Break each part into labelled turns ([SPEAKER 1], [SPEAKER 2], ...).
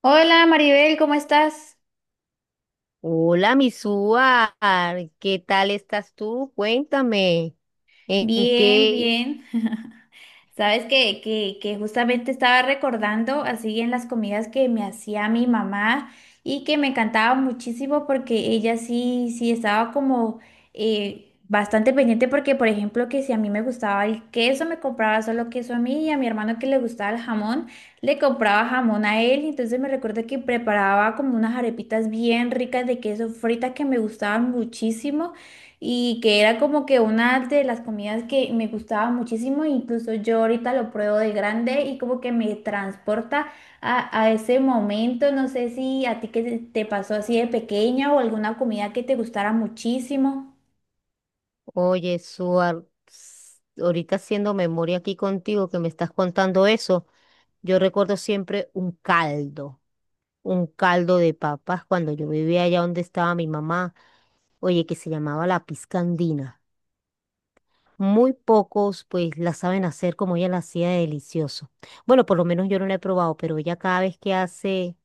[SPEAKER 1] Hola Maribel, ¿cómo estás?
[SPEAKER 2] Hola, Misúa, ¿qué tal estás tú? Cuéntame, ¿en
[SPEAKER 1] Bien,
[SPEAKER 2] qué?
[SPEAKER 1] bien. Sabes que justamente estaba recordando así en las comidas que me hacía mi mamá y que me encantaba muchísimo porque ella sí estaba como bastante pendiente porque, por ejemplo, que si a mí me gustaba el queso, me compraba solo queso a mí, y a mi hermano que le gustaba el jamón, le compraba jamón a él. Entonces me recuerdo que preparaba como unas arepitas bien ricas de queso frita que me gustaban muchísimo, y que era como que una de las comidas que me gustaba muchísimo. Incluso yo ahorita lo pruebo de grande y como que me transporta a ese momento. No sé si a ti que te pasó así de pequeña, o alguna comida que te gustara muchísimo.
[SPEAKER 2] Oye, Suar, ps, ahorita haciendo memoria aquí contigo que me estás contando eso, yo recuerdo siempre un caldo de papas cuando yo vivía allá donde estaba mi mamá, oye, que se llamaba la pizca andina. Muy pocos pues la saben hacer como ella la hacía de delicioso. Bueno, por lo menos yo no la he probado, pero ella cada vez que hace,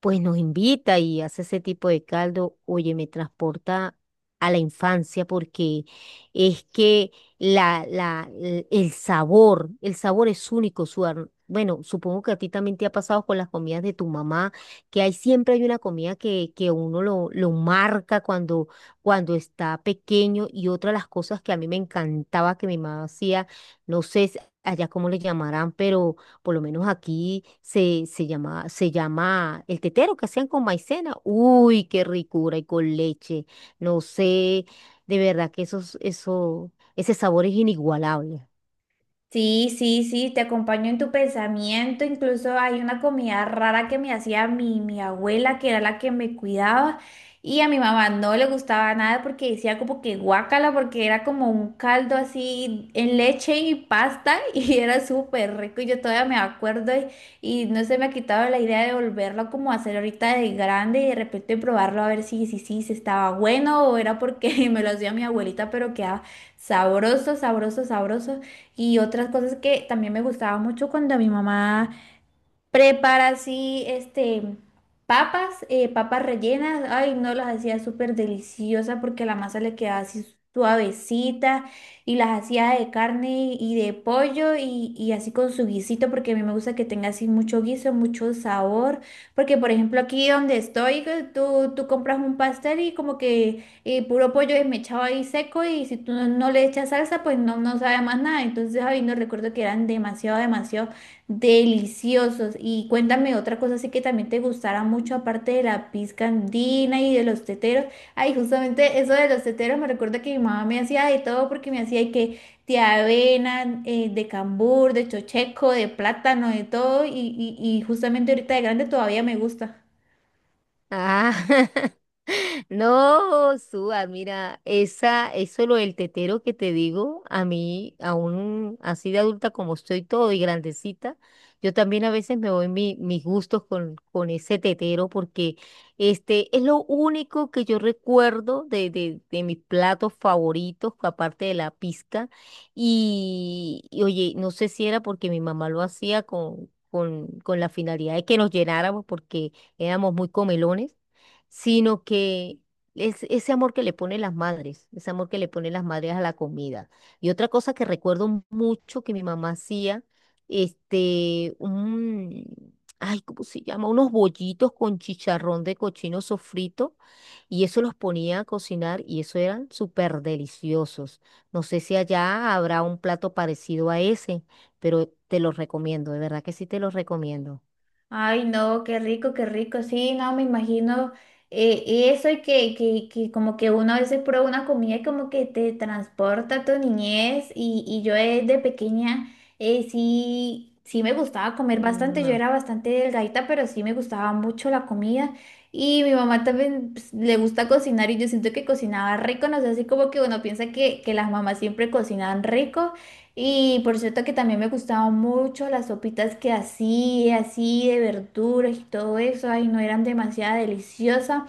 [SPEAKER 2] pues nos invita y hace ese tipo de caldo. Oye, me transporta a la infancia porque es que el sabor es único. Bueno, supongo que a ti también te ha pasado con las comidas de tu mamá, que hay siempre hay una comida que uno lo marca cuando está pequeño. Y otra de las cosas que a mí me encantaba que mi mamá hacía, no sé si allá cómo le llamarán, pero por lo menos aquí se llama el tetero que hacían con maicena. Uy, qué ricura, y con leche. No sé, de verdad que ese sabor es inigualable.
[SPEAKER 1] Sí, sí, sí, te acompaño en tu pensamiento. Incluso hay una comida rara que me hacía mi abuela, que era la que me cuidaba, y a mi mamá no le gustaba nada porque decía como que guácala, porque era como un caldo así en leche y pasta, y era súper rico. Y yo todavía me acuerdo, y no se me ha quitado la idea de volverlo como a hacer ahorita de grande y de repente probarlo, a ver si estaba bueno o era porque me lo hacía mi abuelita, pero quedaba sabroso, sabroso, sabroso. Y otras cosas que también me gustaba mucho cuando mi mamá prepara así, este, papas, papas rellenas. Ay, no, las hacía súper deliciosas porque la masa le quedaba así suavecita, y las hacía de carne y de pollo, y así con su guisito porque a mí me gusta que tenga así mucho guiso, mucho sabor. Porque, por ejemplo, aquí donde estoy, que tú compras un pastel y como que puro pollo desmechado ahí seco, y si tú no, no le echas salsa, pues no, no sabe más nada. Entonces, ay, no, recuerdo que eran demasiado, demasiado deliciosos. Y cuéntame otra cosa así que también te gustará mucho, aparte de la pizca andina y de los teteros. Ay, justamente eso de los teteros me recuerda que mi mamá me hacía de todo, porque me hacía y que de avena, de cambur, de chocheco, de plátano, de todo. Y justamente ahorita de grande todavía me gusta.
[SPEAKER 2] Ah, No, Suar, mira, eso lo del tetero que te digo, a mí, aún así de adulta como estoy todo y grandecita, yo también a veces me voy mis gustos con ese tetero porque este es lo único que yo recuerdo de mis platos favoritos, aparte de la pizca. Y oye, no sé si era porque mi mamá lo hacía con la finalidad de que nos llenáramos porque éramos muy comelones, sino que es ese amor que le ponen las madres, ese amor que le ponen las madres a la comida. Y otra cosa que recuerdo mucho que mi mamá hacía, este, un, ay, ¿cómo se llama? Unos bollitos con chicharrón de cochino sofrito, y eso los ponía a cocinar y eso eran súper deliciosos. No sé si allá habrá un plato parecido a ese, pero te los recomiendo, de verdad que sí te los recomiendo.
[SPEAKER 1] Ay, no, qué rico, qué rico. Sí, no, me imagino, eh, eso, y que como que uno a veces prueba una comida y como que te transporta a tu niñez. Y, y yo desde pequeña, sí, sí me gustaba comer bastante. Yo
[SPEAKER 2] No.
[SPEAKER 1] era bastante delgadita, pero sí me gustaba mucho la comida. Y mi mamá también pues, le gusta cocinar, y yo siento que cocinaba rico. No sé, así como que uno piensa que las mamás siempre cocinan rico. Y por cierto que también me gustaban mucho las sopitas que hacía, así de verduras y todo eso. Ay, no, eran demasiado deliciosas.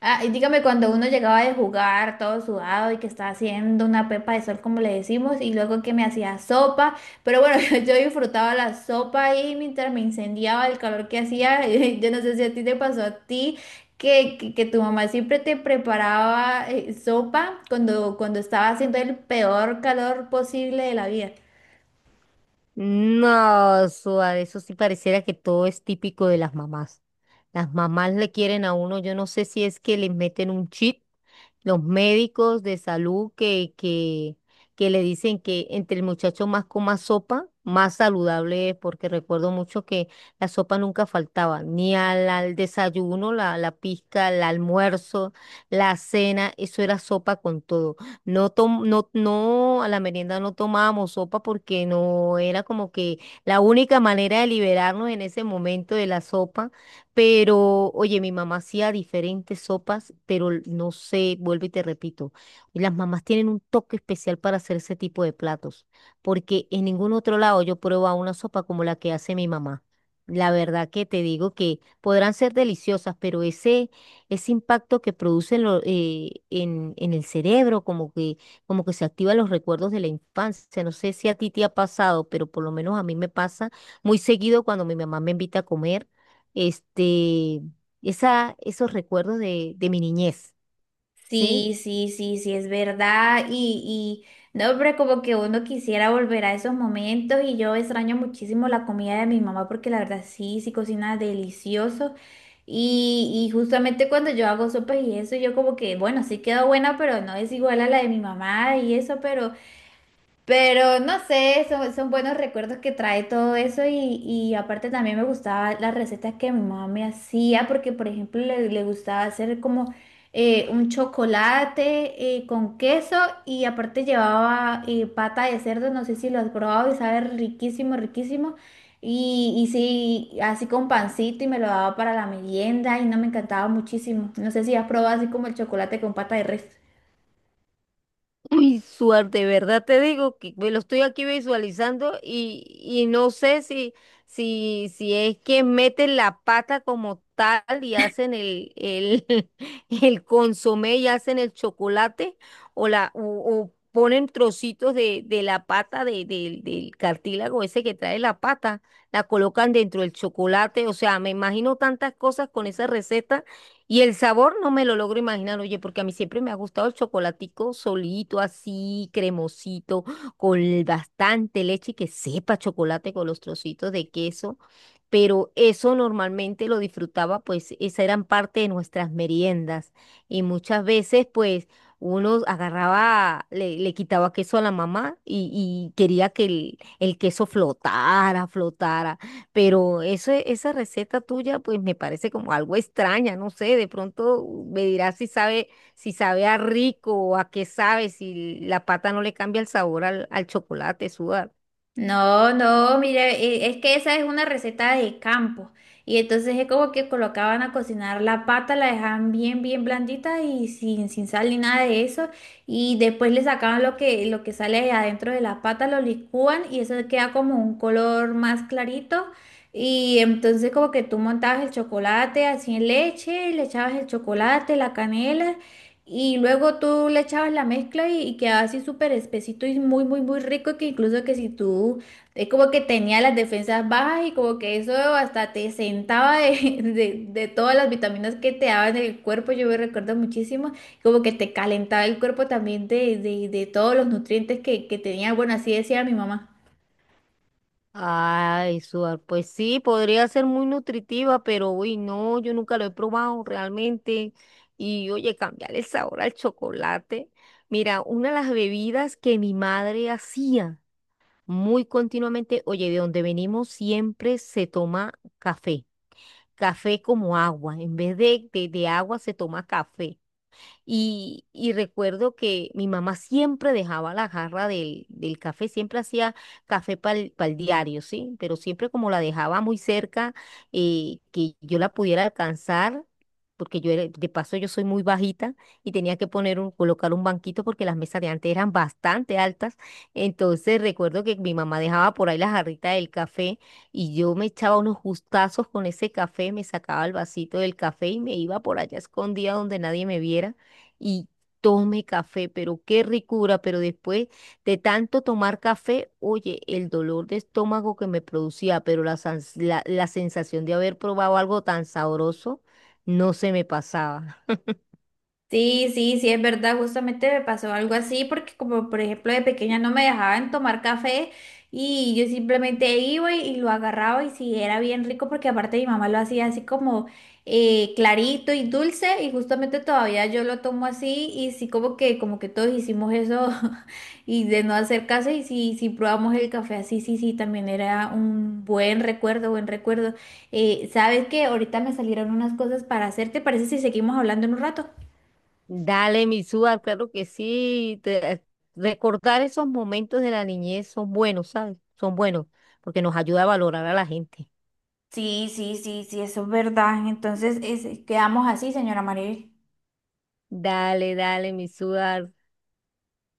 [SPEAKER 1] Ah, y dígame, cuando uno llegaba de jugar todo sudado y que estaba haciendo una pepa de sol, como le decimos, y luego que me hacía sopa, pero bueno, yo disfrutaba la sopa, y mientras me incendiaba el calor que hacía, yo no sé si a ti te pasó a ti. Que tu mamá siempre te preparaba sopa cuando estaba haciendo el peor calor posible de la vida.
[SPEAKER 2] No, suave, eso sí pareciera que todo es típico de las mamás. Las mamás le quieren a uno. Yo no sé si es que les meten un chip los médicos de salud que le dicen que entre el muchacho más coma sopa, más saludable es, porque recuerdo mucho que la sopa nunca faltaba, ni al desayuno, la pizca, el almuerzo, la cena, eso era sopa con todo. No, a la merienda no tomábamos sopa porque no era como que la única manera de liberarnos en ese momento de la sopa. Pero, oye, mi mamá hacía diferentes sopas, pero no sé, vuelvo y te repito, las mamás tienen un toque especial para hacer ese tipo de platos, porque en ningún otro lado yo pruebo a una sopa como la que hace mi mamá. La verdad que te digo que podrán ser deliciosas, pero ese impacto que producen en el cerebro, como que se activan los recuerdos de la infancia. No sé si a ti te ha pasado, pero por lo menos a mí me pasa muy seguido cuando mi mamá me invita a comer, este, esos recuerdos de mi niñez, ¿sí?
[SPEAKER 1] Sí, sí, sí, sí, es verdad. Y no, pero como que uno quisiera volver a esos momentos, y yo extraño muchísimo la comida de mi mamá, porque la verdad sí, sí cocina delicioso. Y justamente cuando yo hago sopas y eso, yo como que, bueno, sí quedó buena, pero no es igual a la de mi mamá y eso. Pero no sé, son, son buenos recuerdos que trae todo eso. Y, y aparte también me gustaban las recetas que mi mamá me hacía porque, por ejemplo, le gustaba hacer como un chocolate con queso, y aparte llevaba pata de cerdo. No sé si lo has probado, y sabe riquísimo, riquísimo. Y sí, así con pancito, y me lo daba para la merienda y no me encantaba muchísimo. No sé si has probado así como el chocolate con pata de res.
[SPEAKER 2] Uy, suerte, de verdad te digo que me lo estoy aquí visualizando, y no sé si es que meten la pata como tal y hacen el consomé y hacen el chocolate, o o ponen trocitos de la pata, del cartílago ese que trae la pata, la colocan dentro del chocolate. O sea, me imagino tantas cosas con esa receta, y el sabor no me lo logro imaginar, oye, porque a mí siempre me ha gustado el chocolatico solito, así, cremosito, con bastante leche, y que sepa chocolate con los trocitos de queso. Pero eso normalmente lo disfrutaba, pues esa eran parte de nuestras meriendas. Y muchas veces, pues, uno agarraba, le quitaba queso a la mamá, y quería que el queso flotara, flotara. Pero eso, esa receta tuya, pues me parece como algo extraña, no sé. De pronto me dirás si sabe, si sabe a rico o a qué sabe, si la pata no le cambia el sabor al chocolate, sudar.
[SPEAKER 1] No, no, mira, es que esa es una receta de campo. Y entonces es como que colocaban a cocinar la pata, la dejaban bien, bien blandita y sin, sin sal ni nada de eso. Y después le sacaban lo que sale de adentro de la pata, lo licúan y eso queda como un color más clarito. Y entonces como que tú montabas el chocolate así en leche, le echabas el chocolate, la canela. Y luego tú le echabas la mezcla, y quedaba así súper espesito y muy, muy, muy rico, que incluso que si tú, es como que tenía las defensas bajas y como que eso hasta te sentaba de, de todas las vitaminas que te daban en el cuerpo. Yo me recuerdo muchísimo, como que te calentaba el cuerpo también de todos los nutrientes que tenía, bueno, así decía mi mamá.
[SPEAKER 2] Ay, sudar, pues sí, podría ser muy nutritiva, pero uy, no, yo nunca lo he probado realmente. Y oye, cambiar el sabor al chocolate. Mira, una de las bebidas que mi madre hacía muy continuamente, oye, de donde venimos siempre se toma café. Café como agua. En vez de, de agua se toma café. Y recuerdo que mi mamá siempre dejaba la jarra del café, siempre hacía café para el diario, ¿sí? Pero siempre como la dejaba muy cerca, que yo la pudiera alcanzar, porque yo era, de paso yo soy muy bajita, y tenía que poner un, colocar un banquito porque las mesas de antes eran bastante altas. Entonces recuerdo que mi mamá dejaba por ahí la jarrita del café, y yo me echaba unos gustazos con ese café, me sacaba el vasito del café y me iba por allá escondida donde nadie me viera, y tome café, pero qué ricura. Pero después de tanto tomar café, oye, el dolor de estómago que me producía, pero la sensación de haber probado algo tan sabroso, no se me pasaba.
[SPEAKER 1] Sí, sí, sí, es verdad. Justamente me pasó algo así, porque como por ejemplo de pequeña no me dejaban tomar café, y yo simplemente iba y lo agarraba, y sí, era bien rico, porque aparte mi mamá lo hacía así como clarito y dulce, y justamente todavía yo lo tomo así. Y sí, como que todos hicimos eso y de no hacer caso, y sí, sí probamos el café así. Sí, sí, también era un buen recuerdo, buen recuerdo. ¿Sabes qué? Ahorita me salieron unas cosas para hacer, ¿te parece si seguimos hablando en un rato?
[SPEAKER 2] Dale, mi Suar, claro que sí. Recordar esos momentos de la niñez son buenos, ¿sabes? Son buenos, porque nos ayuda a valorar a la gente.
[SPEAKER 1] Sí, sí, sí, sí, eso es verdad. Entonces, es- quedamos así, señora Maribel.
[SPEAKER 2] Dale, dale, mi Suar.